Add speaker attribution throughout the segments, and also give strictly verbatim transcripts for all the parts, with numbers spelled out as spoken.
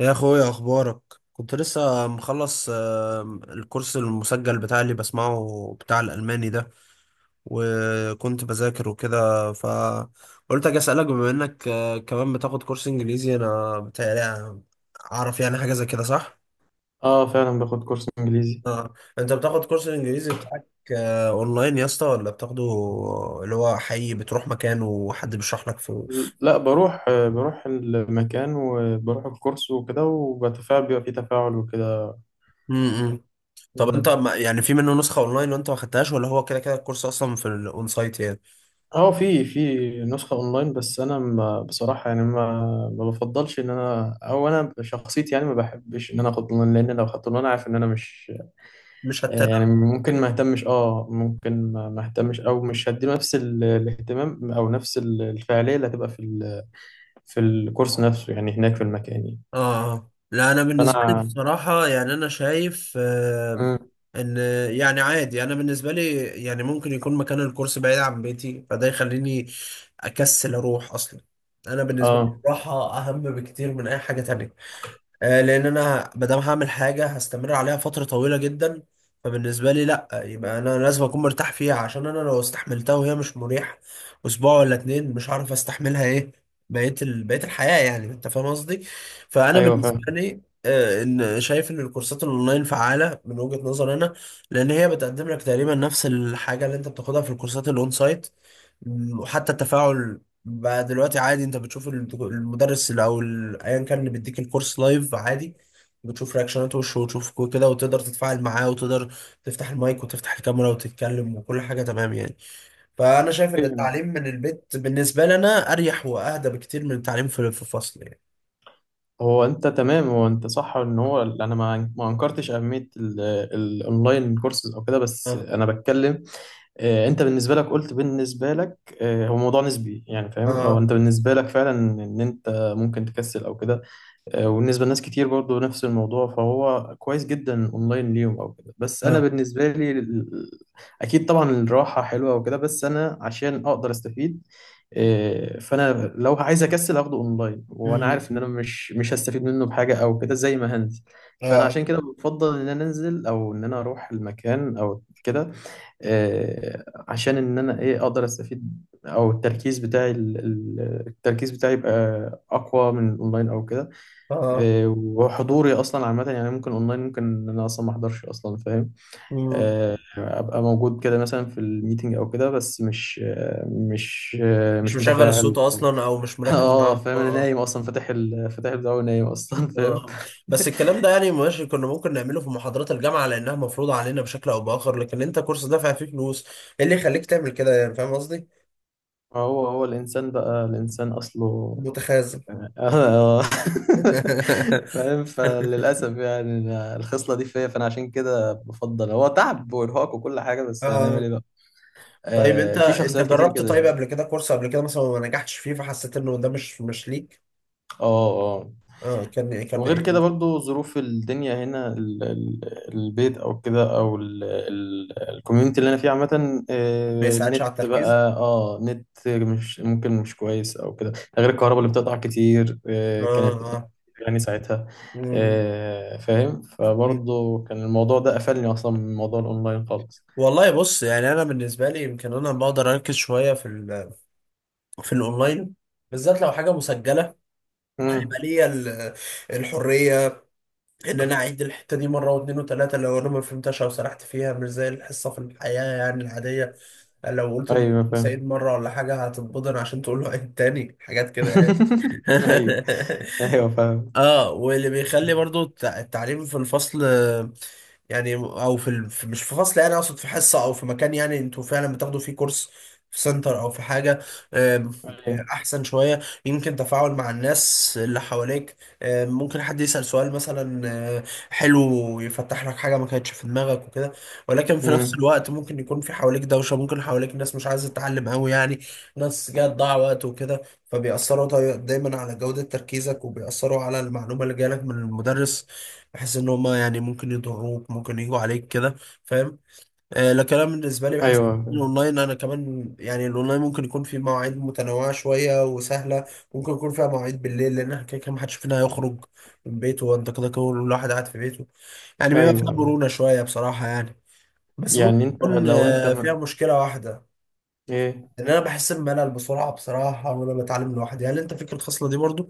Speaker 1: يا اخويا، اخبارك؟ كنت لسه مخلص آم، الكورس المسجل بتاعي اللي بسمعه بتاع الالماني ده. وكنت بذاكر وكده، فقلت اجي اسالك بما انك آه، كمان بتاخد كورس انجليزي، انا بتهيألي اعرف يعني حاجه زي كده، صح؟
Speaker 2: اه، فعلا باخد كورس انجليزي.
Speaker 1: اه انت بتاخد كورس الانجليزي بتاعك آه، اونلاين يا اسطى ولا بتاخده اللي هو حقيقي بتروح مكان وحد بيشرح لك في؟
Speaker 2: لا، بروح آه، بروح المكان وبروح الكورس وكده وبتفاعل، بيبقى فيه تفاعل وكده.
Speaker 1: طب انت
Speaker 2: مم.
Speaker 1: ما- يعني في منه نسخة اونلاين وانت ما خدتهاش، ولا هو كده كده الكورس اصلا في الاون سايت يعني؟
Speaker 2: اه، في في نسخة اونلاين، بس انا ما، بصراحة يعني، ما ما بفضلش. ان انا او انا شخصيتي يعني ما بحبش ان انا اخد اونلاين، لان لو خدت اونلاين عارف ان انا مش...
Speaker 1: مش
Speaker 2: آه، يعني
Speaker 1: هتتابع.
Speaker 2: ممكن ما اهتمش، اه ممكن ما ما اهتمش، او مش هديله نفس ال- الاهتمام او نفس ال- الفعالية اللي هتبقى في ال- في الكورس نفسه، يعني هناك في المكان يعني.
Speaker 1: اه. آه. لا انا بالنسبة لي
Speaker 2: فانا...
Speaker 1: بصراحة، يعني انا شايف آه
Speaker 2: مم.
Speaker 1: ان يعني عادي، انا بالنسبة لي يعني ممكن يكون مكان الكورس بعيد عن بيتي، فده يخليني اكسل اروح اصلا. انا بالنسبة لي
Speaker 2: اه،
Speaker 1: الراحة اهم بكتير من اي حاجة تانية. آه، لان انا ما دام هعمل حاجه هستمر عليها فتره طويله جدا، فبالنسبه لي لا، يبقى انا لازم اكون مرتاح فيها، عشان انا لو استحملتها وهي مش مريحه اسبوع ولا اتنين، مش هعرف استحملها ايه بقيه ال... بقيه الحياه، يعني انت فاهم قصدي. فانا
Speaker 2: ايوه
Speaker 1: بالنسبه
Speaker 2: فاهم.
Speaker 1: لي آه، ان شايف ان الكورسات الاونلاين فعاله من وجهه نظر انا، لان هي بتقدم لك تقريبا نفس الحاجه اللي انت بتاخدها في الكورسات الاون سايت. وحتى التفاعل بقى دلوقتي عادي، انت بتشوف الدكو- المدرس اللي، او ال- ايا كان اللي بيديك الكورس لايف عادي. بتشوف رياكشنات وشه، وتشوف كو- كده، وتقدر تتفاعل معاه، وتقدر تفتح المايك وتفتح الكاميرا وتتكلم، وكل حاجة تمام يعني. فأنا شايف إن
Speaker 2: أيوة.
Speaker 1: التعليم من البيت بالنسبة لنا أريح وأهدى بكتير من التعليم في في الفصل يعني.
Speaker 2: هو انت تمام هو انت صح، ان هو انا ما ما انكرتش اهميه ال- الاونلاين كورسز او كده، بس
Speaker 1: اه.
Speaker 2: انا بتكلم. آه، انت بالنسبه لك، قلت بالنسبه لك، آه، هو موضوع نسبي يعني، فاهم، هو
Speaker 1: اه.
Speaker 2: انت بالنسبه لك فعلا ان انت ممكن تكسل او كده. آه، وبالنسبة لناس كتير برضو نفس الموضوع، فهو كويس جدا اونلاين ليهم او كده، بس انا
Speaker 1: اه.
Speaker 2: بالنسبة لي ال- اكيد طبعا الراحة حلوة وكده، بس انا عشان اقدر استفيد... آه، فانا لو عايز اكسل اخده اونلاين، وانا
Speaker 1: مم.
Speaker 2: عارف ان انا مش مش هستفيد منه بحاجة او كده زي ما هنزل. فانا
Speaker 1: اه.
Speaker 2: عشان كده بفضل ان انا انزل، او ان انا اروح المكان او كده، آه، عشان ان انا ايه اقدر استفيد، او التركيز بتاعي ال- ال- التركيز بتاعي يبقى اقوى من الاونلاين او كده.
Speaker 1: اه.
Speaker 2: آه، وحضوري اصلا عامه يعني ممكن اونلاين، ممكن ان انا اصلا ما احضرش اصلا، فاهم.
Speaker 1: مم.
Speaker 2: آه، ابقى موجود كده مثلا في الميتنج او كده، بس مش آه، مش آه،
Speaker 1: مش
Speaker 2: مش
Speaker 1: مشغل
Speaker 2: متفاعل،
Speaker 1: الصوت
Speaker 2: أو-
Speaker 1: أصلا، أو مش مركز
Speaker 2: اه،
Speaker 1: معاه. اه.
Speaker 2: فاهم. انا
Speaker 1: آه.
Speaker 2: نايم اصلا، فاتح ال- فاتح البتاع ونايم اصلا، فاهم.
Speaker 1: اه، بس الكلام ده يعني ماشي، كنا ممكن نعمله في محاضرات الجامعة لأنها مفروضة علينا بشكل أو بآخر، لكن أنت كورس دافع فيه فلوس، إيه اللي يخليك تعمل كده يعني، فاهم قصدي؟
Speaker 2: هو هو الانسان بقى، الانسان اصله...
Speaker 1: متخاذل.
Speaker 2: آه، آه. فاهم. فللاسف يعني أنا الخصله دي فيا، فانا عشان كده بفضل. هو تعب وارهاق وكل حاجه، بس هنعمل
Speaker 1: اه.
Speaker 2: ايه بقى.
Speaker 1: طيب
Speaker 2: آه،
Speaker 1: أنت
Speaker 2: في
Speaker 1: أنت
Speaker 2: شخصيات كتير
Speaker 1: جربت
Speaker 2: كده.
Speaker 1: طيب قبل كده كورس قبل كده مثلا وما نجحتش فيه، فحسيت إنه ده مش مش ليك؟
Speaker 2: اه، اه،
Speaker 1: اه كان كان
Speaker 2: وغير
Speaker 1: إيه؟
Speaker 2: كده برضو ظروف الدنيا هنا، ال- ال- البيت او كده، او الكوميونتي اللي انا فيه عامة.
Speaker 1: ما
Speaker 2: آه،
Speaker 1: يساعدش
Speaker 2: النت
Speaker 1: على التركيز؟
Speaker 2: بقى، اه نت مش ممكن، مش كويس او كده، ده غير الكهرباء اللي بتقطع كتير. آه،
Speaker 1: اه.
Speaker 2: كانت بتقطع
Speaker 1: اه.
Speaker 2: كتير يعني ساعتها.
Speaker 1: مم.
Speaker 2: آه، فاهم،
Speaker 1: مم.
Speaker 2: فبرضو كان الموضوع ده قفلني اصلا من موضوع الاونلاين خالص.
Speaker 1: والله بص، يعني أنا بالنسبة لي يمكن أنا بقدر أركز شوية في ال في الأونلاين، بالذات لو حاجة مسجلة
Speaker 2: امم.
Speaker 1: ليا. ال- الحريه ان انا اعيد الحته دي مره واثنين وثلاثه لو انا ما فهمتهاش او سرحت فيها، مش زي الحصه في الحياه يعني العاديه. لو قلت
Speaker 2: ايوه
Speaker 1: للمدرس
Speaker 2: فاهم.
Speaker 1: عيد مره ولا حاجه هتتبضن، عشان تقول له عيد تاني حاجات كده يعني.
Speaker 2: ايوه. ايوه فاهم.
Speaker 1: اه، واللي بيخلي برضو التع- التعليم في الفصل آه، يعني، او في, ال... في، مش في فصل، يعني اقصد في حصه او في مكان يعني انتوا فعلا بتاخدوا فيه كورس في سنتر او في حاجه. آم،
Speaker 2: ايوه.
Speaker 1: احسن شويه، يمكن تفاعل مع الناس اللي حواليك. آم، ممكن حد يسال سؤال مثلا، آه، حلو، يفتح لك حاجه ما كانتش في دماغك وكده. ولكن في نفس
Speaker 2: امم.
Speaker 1: الوقت ممكن يكون في حواليك دوشه، ممكن حواليك ناس مش عايزه تتعلم قوي يعني، ناس جايه تضيع وقت وكده، فبيأثروا داي- دايما على جودة تركيزك، وبيأثروا على المعلومة اللي جالك من المدرس، بحيث ان هما يعني ممكن يضروك، ممكن يجوا عليك كده، فاهم؟ آه لكن انا بالنسبة لي بحس
Speaker 2: ايوه
Speaker 1: إن
Speaker 2: فاهم.
Speaker 1: الاونلاين، انا كمان يعني الاونلاين ممكن يكون فيه مواعيد متنوعة شوية وسهلة، ممكن يكون فيها مواعيد بالليل، لان احنا كده كده محدش فينا هيخرج من بيته، وانت كده كده الواحد قاعد في بيته، يعني بيبقى فيها
Speaker 2: ايوه.
Speaker 1: مرونة شوية بصراحة يعني. بس ممكن
Speaker 2: يعني انت،
Speaker 1: تكون
Speaker 2: لو انت
Speaker 1: آه، فيها
Speaker 2: م...
Speaker 1: مشكلة واحدة،
Speaker 2: ايه.
Speaker 1: ان انا بحس بملل بسرعة بصراحة وانا بتعلم لوحدي، هل انت فيك الخصلة دي برضو؟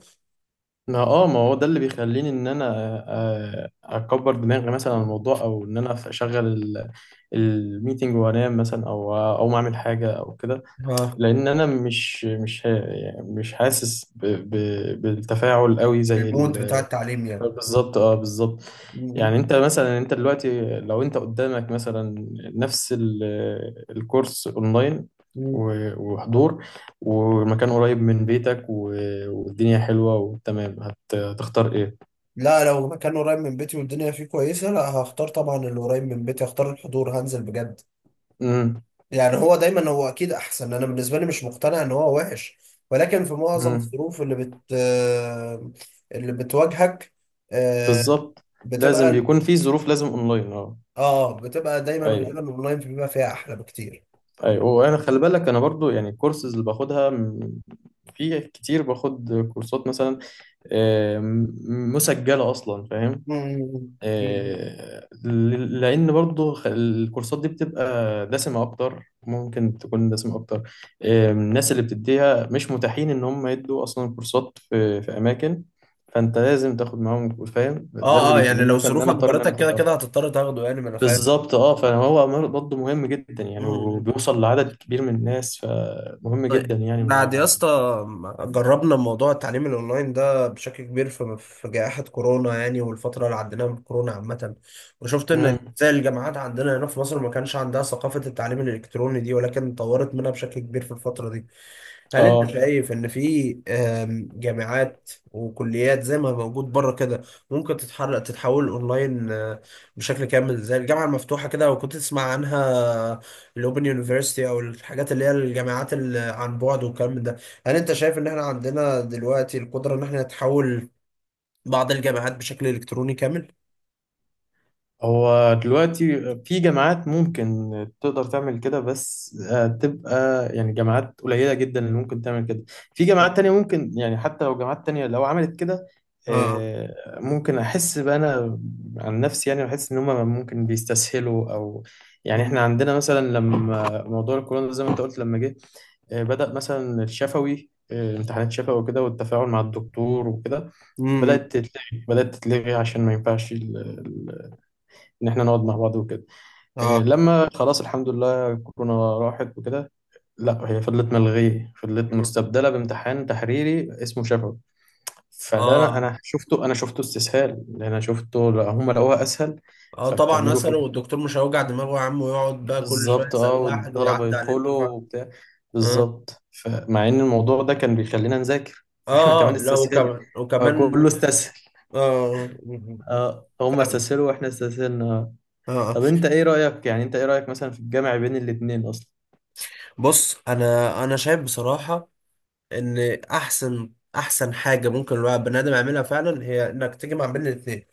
Speaker 2: ما اه ما هو ده اللي بيخليني ان انا آه، اكبر دماغي مثلا عن الموضوع، او ان انا اشغل الميتنج وانام مثلا، او او ما اعمل حاجه او كده.
Speaker 1: اه،
Speaker 2: لان انا مش مش ه- يعني مش حاسس ب... ب... بالتفاعل قوي زي...
Speaker 1: المود بتاع التعليم يعني.
Speaker 2: بالظبط، اه، بالظبط.
Speaker 1: مم.
Speaker 2: يعني انت مثلا، انت دلوقتي لو انت قدامك مثلا نفس ال- الكورس اونلاين،
Speaker 1: مم.
Speaker 2: و- وحضور، والمكان قريب من بيتك، و- والدنيا حلوة وتمام، هت- هتختار ايه؟
Speaker 1: لا، لو مكان قريب من بيتي والدنيا فيه كويسة، لا هختار طبعا اللي قريب من بيتي، هختار الحضور، هنزل بجد.
Speaker 2: امم.
Speaker 1: يعني هو دايما هو أكيد أحسن، أنا بالنسبة لي مش مقتنع إن هو وحش، ولكن في معظم
Speaker 2: امم.
Speaker 1: الظروف اللي بت آه، اللي بتواجهك، آه،
Speaker 2: بالظبط، لازم
Speaker 1: بتبقى،
Speaker 2: بيكون في ظروف لازم اونلاين، اه.
Speaker 1: اه بتبقى دايما
Speaker 2: ايوه.
Speaker 1: غالبا اونلاين بيبقى فيها احلى بكتير.
Speaker 2: ايوه، وانا خلي بالك، انا برضو يعني الكورسز اللي باخدها م- في كتير باخد كورسات مثلا، آه، م- مسجلة اصلا، فاهم.
Speaker 1: مم. مم.
Speaker 2: آه، ل- لان برضو خ- الكورسات دي بتبقى دسمه اكتر، ممكن تكون دسمه اكتر. آه، الناس اللي بتديها مش متاحين ان هم يدوا اصلا كورسات في في اماكن، فانت لازم تاخد معاهم كورس، فاهم، ده اللي
Speaker 1: اه اه، يعني
Speaker 2: بيخليني
Speaker 1: لو
Speaker 2: مثلا ان انا
Speaker 1: ظروفك
Speaker 2: اضطر ان انا
Speaker 1: جبرتك
Speaker 2: اخد
Speaker 1: كده
Speaker 2: اه
Speaker 1: كده هتضطر تاخده يعني، ما انا فاهم.
Speaker 2: بالظبط، اه، فهو مر- برضه مهم جدا يعني،
Speaker 1: مم.
Speaker 2: وبيوصل لعدد كبير من الناس، فمهم جدا
Speaker 1: طيب،
Speaker 2: يعني مع-
Speaker 1: بعد يا اسطى ما جربنا موضوع التعليم الاونلاين ده بشكل كبير في في جائحة كورونا يعني، والفترة اللي عديناها من كورونا عامة، وشفت ان
Speaker 2: مم.
Speaker 1: زي الجامعات عندنا هنا في مصر ما كانش عندها ثقافة التعليم الالكتروني دي، ولكن طورت منها بشكل كبير في الفترة دي. هل انت
Speaker 2: اه،
Speaker 1: شايف ان في آم، جامعات وكليات زي ما موجود بره كده ممكن تتحرك تتحول اونلاين آه، بشكل كامل، زي الجامعه المفتوحه كده، وكنت تسمع عنها الاوبن يونيفرسيتي، او الحاجات اللي هي الجامعات اللي عن بعد والكلام من ده؟ هل انت شايف ان احنا عندنا دلوقتي القدره ان احنا نتحول بعض الجامعات بشكل الكتروني كامل؟
Speaker 2: هو دلوقتي في جامعات ممكن تقدر تعمل كده، بس آه، تبقى يعني جامعات قليلة جدا اللي ممكن تعمل كده. في جامعات تانية ممكن يعني، حتى لو جامعات تانية لو عملت كده
Speaker 1: اه.
Speaker 2: آه، ممكن أحس بقى أنا عن نفسي يعني، بحس إن هما ممكن بيستسهلوا، أو يعني إحنا
Speaker 1: امم.
Speaker 2: عندنا مثلا لما موضوع الكورونا زي ما أنت قلت لما جه، آه، بدأ مثلا الشفوي، آه، امتحانات شفوي وكده، والتفاعل مع الدكتور وكده بدأت تتلغي بدأت تتلغي عشان ما ينفعش ان احنا نقعد مع بعض وكده. إيه
Speaker 1: اه.
Speaker 2: لما خلاص الحمد لله كورونا راحت وكده؟ لا، هي فضلت ملغيه، فضلت
Speaker 1: مم.
Speaker 2: مستبدله بامتحان تحريري اسمه شفوي. فده انا،
Speaker 1: اه
Speaker 2: أنا شفته انا شفته استسهال، لان انا شفته. لا، هم لقوها اسهل،
Speaker 1: اه طبعا،
Speaker 2: فكملوا
Speaker 1: اساله،
Speaker 2: فيها.
Speaker 1: والدكتور مش هيوجع دماغه يا عم ويقعد بقى كل شويه
Speaker 2: بالظبط، اه،
Speaker 1: يسال واحد
Speaker 2: والطلبه
Speaker 1: ويعدي عليه
Speaker 2: يدخلوا
Speaker 1: الدفعه.
Speaker 2: وبتاع.
Speaker 1: اه.
Speaker 2: بالظبط، فمع ان الموضوع ده كان بيخلينا نذاكر، فاحنا
Speaker 1: اه.
Speaker 2: كمان
Speaker 1: اه لا،
Speaker 2: استسهلنا،
Speaker 1: وكمان وكمان.
Speaker 2: فكله استسهل.
Speaker 1: اه،
Speaker 2: اه، هم
Speaker 1: فاهم.
Speaker 2: استسهلوا واحنا استسهلنا. آه.
Speaker 1: اه. آه. اه.
Speaker 2: طب انت ايه رايك، يعني انت ايه رايك مثلا في الجامع بين الاتنين اصلا؟
Speaker 1: بص، انا انا شايف بصراحه ان احسن احسن حاجه ممكن الواحد بني ادم يعملها فعلا هي انك تجمع بين الاثنين،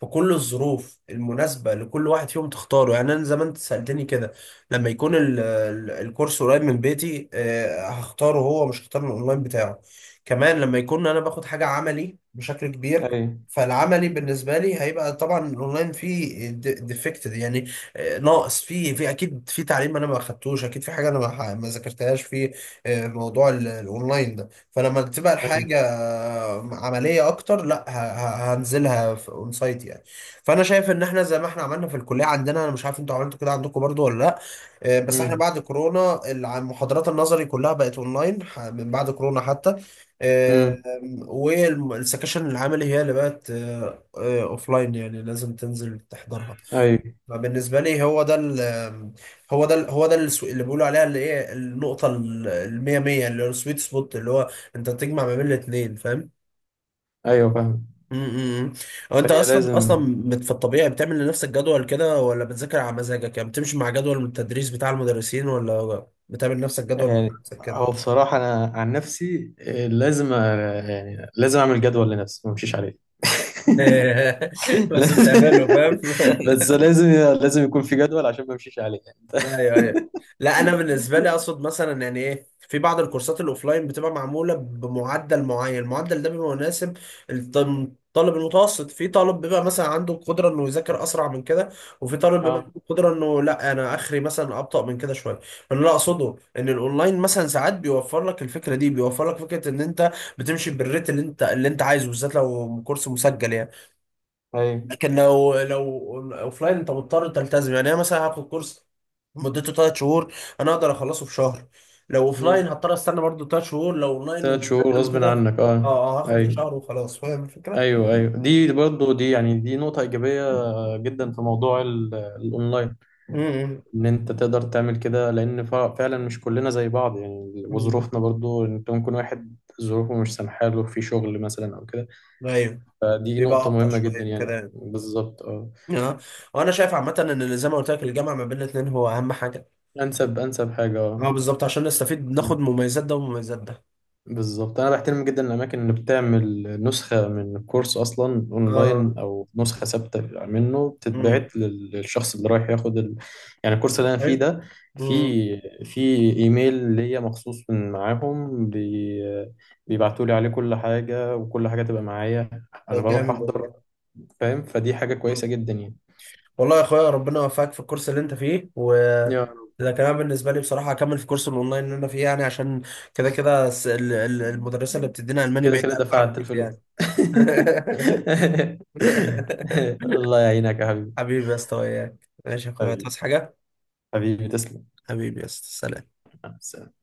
Speaker 1: في كل الظروف المناسبه لكل واحد فيهم تختاره يعني. انا زمان انت سالتني كده، لما يكون ال- ال- الكورس قريب من بيتي، آه، هختاره هو، مش هختار الاونلاين بتاعه. كمان لما يكون انا باخد حاجه عملي بشكل كبير،
Speaker 2: ايوه.
Speaker 1: فالعملي بالنسبه لي هيبقى طبعا الاونلاين فيه ديفكتد يعني، آه، ناقص فيه، في اكيد في تعليم انا ما اخدتوش، اكيد في حاجه انا ما ما ذاكرتهاش فيه، آه، موضوع ال- الاونلاين ده. فلما تبقى
Speaker 2: ايوه.
Speaker 1: الحاجه آه، عمليه اكتر، لا ه- ه- هنزلها في اون سايت يعني. فانا شايف ان احنا زي ما احنا عملنا في الكليه عندنا، انا مش عارف انتوا عملتوا كده عندكم برضو ولا لا، آه، بس احنا
Speaker 2: امم.
Speaker 1: بعد كورونا الع- محاضرات النظري كلها بقت اونلاين ح- من بعد كورونا حتى، آه،
Speaker 2: امم.
Speaker 1: والسكاشن العملي هي اللي بقت اوفلاين، يعني لازم تنزل تحضرها.
Speaker 2: ايوه.
Speaker 1: ما بالنسبة لي هو ده ال، هو ده ال هو ده السو- اللي بيقولوا عليها اللي ايه، النقطة ال- المية مية اللي هو السويت سبوت، اللي هو انت تجمع ما بين الاتنين، فاهم؟
Speaker 2: ايوه فاهم.
Speaker 1: امم. هو انت
Speaker 2: هي
Speaker 1: اصلا
Speaker 2: لازم
Speaker 1: اصلا بت- في الطبيعي بتعمل لنفسك جدول كده ولا بتذاكر على مزاجك؟ يعني بتمشي مع جدول من التدريس بتاع المدرسين ولا بتعمل لنفسك جدول مع
Speaker 2: يعني،
Speaker 1: نفسك كده؟
Speaker 2: هو بصراحة أنا عن نفسي، آه، لازم، آه، يعني لازم أعمل جدول لنفسي، ما أمشيش عليه.
Speaker 1: بس بتعمله، فاهم.
Speaker 2: لازم- بس لازم لازم يكون في جدول، عشان ما أمشيش عليه.
Speaker 1: ايوه، ايوه. لا انا بالنسبه لي اقصد مثلا يعني ايه، في بعض الكورسات الاوفلاين بتبقى معموله بمعدل معين، المعدل ده بيبقى مناسب للطالب المتوسط. في طالب بيبقى مثلا عنده القدره انه يذاكر اسرع من كده، وفي طالب بيبقى عنده
Speaker 2: اه،
Speaker 1: القدره انه لا، انا اخري مثلا ابطا من كده شويه. فانا اللي اقصده ان الاونلاين مثلا ساعات بيوفر لك الفكره دي، بيوفر لك فكره ان انت بتمشي بالريت اللي انت اللي انت عايزه، بالذات لو كورس مسجل يعني.
Speaker 2: ايوه.
Speaker 1: لكن لو لو اوفلاين انت مضطر تلتزم يعني. انا مثلا هاخد كورس مدته 3 شهور، انا اقدر اخلصه في شهر، لو اوفلاين
Speaker 2: امم.
Speaker 1: هضطر استنى برضو 3 شهور، لو اونلاين
Speaker 2: ثلاث شهور
Speaker 1: ومذاكر
Speaker 2: غصب
Speaker 1: وكده
Speaker 2: عنك،
Speaker 1: اه
Speaker 2: اه.
Speaker 1: آه، هاخد
Speaker 2: ايوه.
Speaker 1: الشهر وخلاص، فاهم الفكره؟
Speaker 2: ايوه، ايوه، دي برضه، دي يعني، دي نقطة إيجابية جدا في موضوع ال- الأونلاين،
Speaker 1: امم.
Speaker 2: ان انت تقدر تعمل كده. لان فع- فعلا مش كلنا زي بعض يعني،
Speaker 1: أمم.
Speaker 2: وظروفنا برضو، انت ممكن واحد ظروفه مش سامحاله في شغل مثلا او كده،
Speaker 1: ايوه.
Speaker 2: فدي
Speaker 1: بيبقى
Speaker 2: نقطة
Speaker 1: ابطأ
Speaker 2: مهمة جدا
Speaker 1: شويه وكده
Speaker 2: يعني
Speaker 1: يعني.
Speaker 2: بالظبط، اه.
Speaker 1: اه، وانا شايف عامه ان زي ما قلت لك، الجامعه ما بين الاثنين هو اهم حاجه.
Speaker 2: انسب انسب حاجة،
Speaker 1: اه بالظبط، عشان نستفيد ناخد
Speaker 2: اه،
Speaker 1: مميزات ده ومميزات ده.
Speaker 2: بالظبط. انا بحترم جدا الاماكن اللي بتعمل نسخه من الكورس اصلا اونلاين،
Speaker 1: اه.
Speaker 2: او نسخه ثابته منه
Speaker 1: امم.
Speaker 2: بتتبعت لل- للشخص اللي رايح ياخد ال... يعني الكورس اللي انا فيه
Speaker 1: حلو.
Speaker 2: ده، في
Speaker 1: امم.
Speaker 2: في ايميل ليا مخصوص من معاهم بي... بيبعتوا لي عليه كل حاجه، وكل حاجه تبقى معايا، انا
Speaker 1: طب
Speaker 2: بروح
Speaker 1: جامد
Speaker 2: احضر،
Speaker 1: والله.
Speaker 2: فاهم، فدي حاجه كويسه جدا يعني.
Speaker 1: والله يا اخويا ربنا يوفقك في الكورس اللي انت فيه، و
Speaker 2: يا رب.
Speaker 1: ده كمان بالنسبه لي بصراحه هكمل في كورس الاونلاين اللي انا فيه يعني، عشان كده كده الس- ال- ال- المدرسه اللي بتدينا الماني
Speaker 2: كده
Speaker 1: بعيد
Speaker 2: كده
Speaker 1: قوي عن
Speaker 2: دفعت
Speaker 1: بيتي يعني.
Speaker 2: الفلوس. الله يعينك يا حبيبي.
Speaker 1: حبيبي يا اسطى وياك، ماشي يا اخويا،
Speaker 2: حبيبي.
Speaker 1: تصحى حاجه.
Speaker 2: حبيبي، تسلم.
Speaker 1: حبيبي يا اسطى، سلام.
Speaker 2: مع السلامة.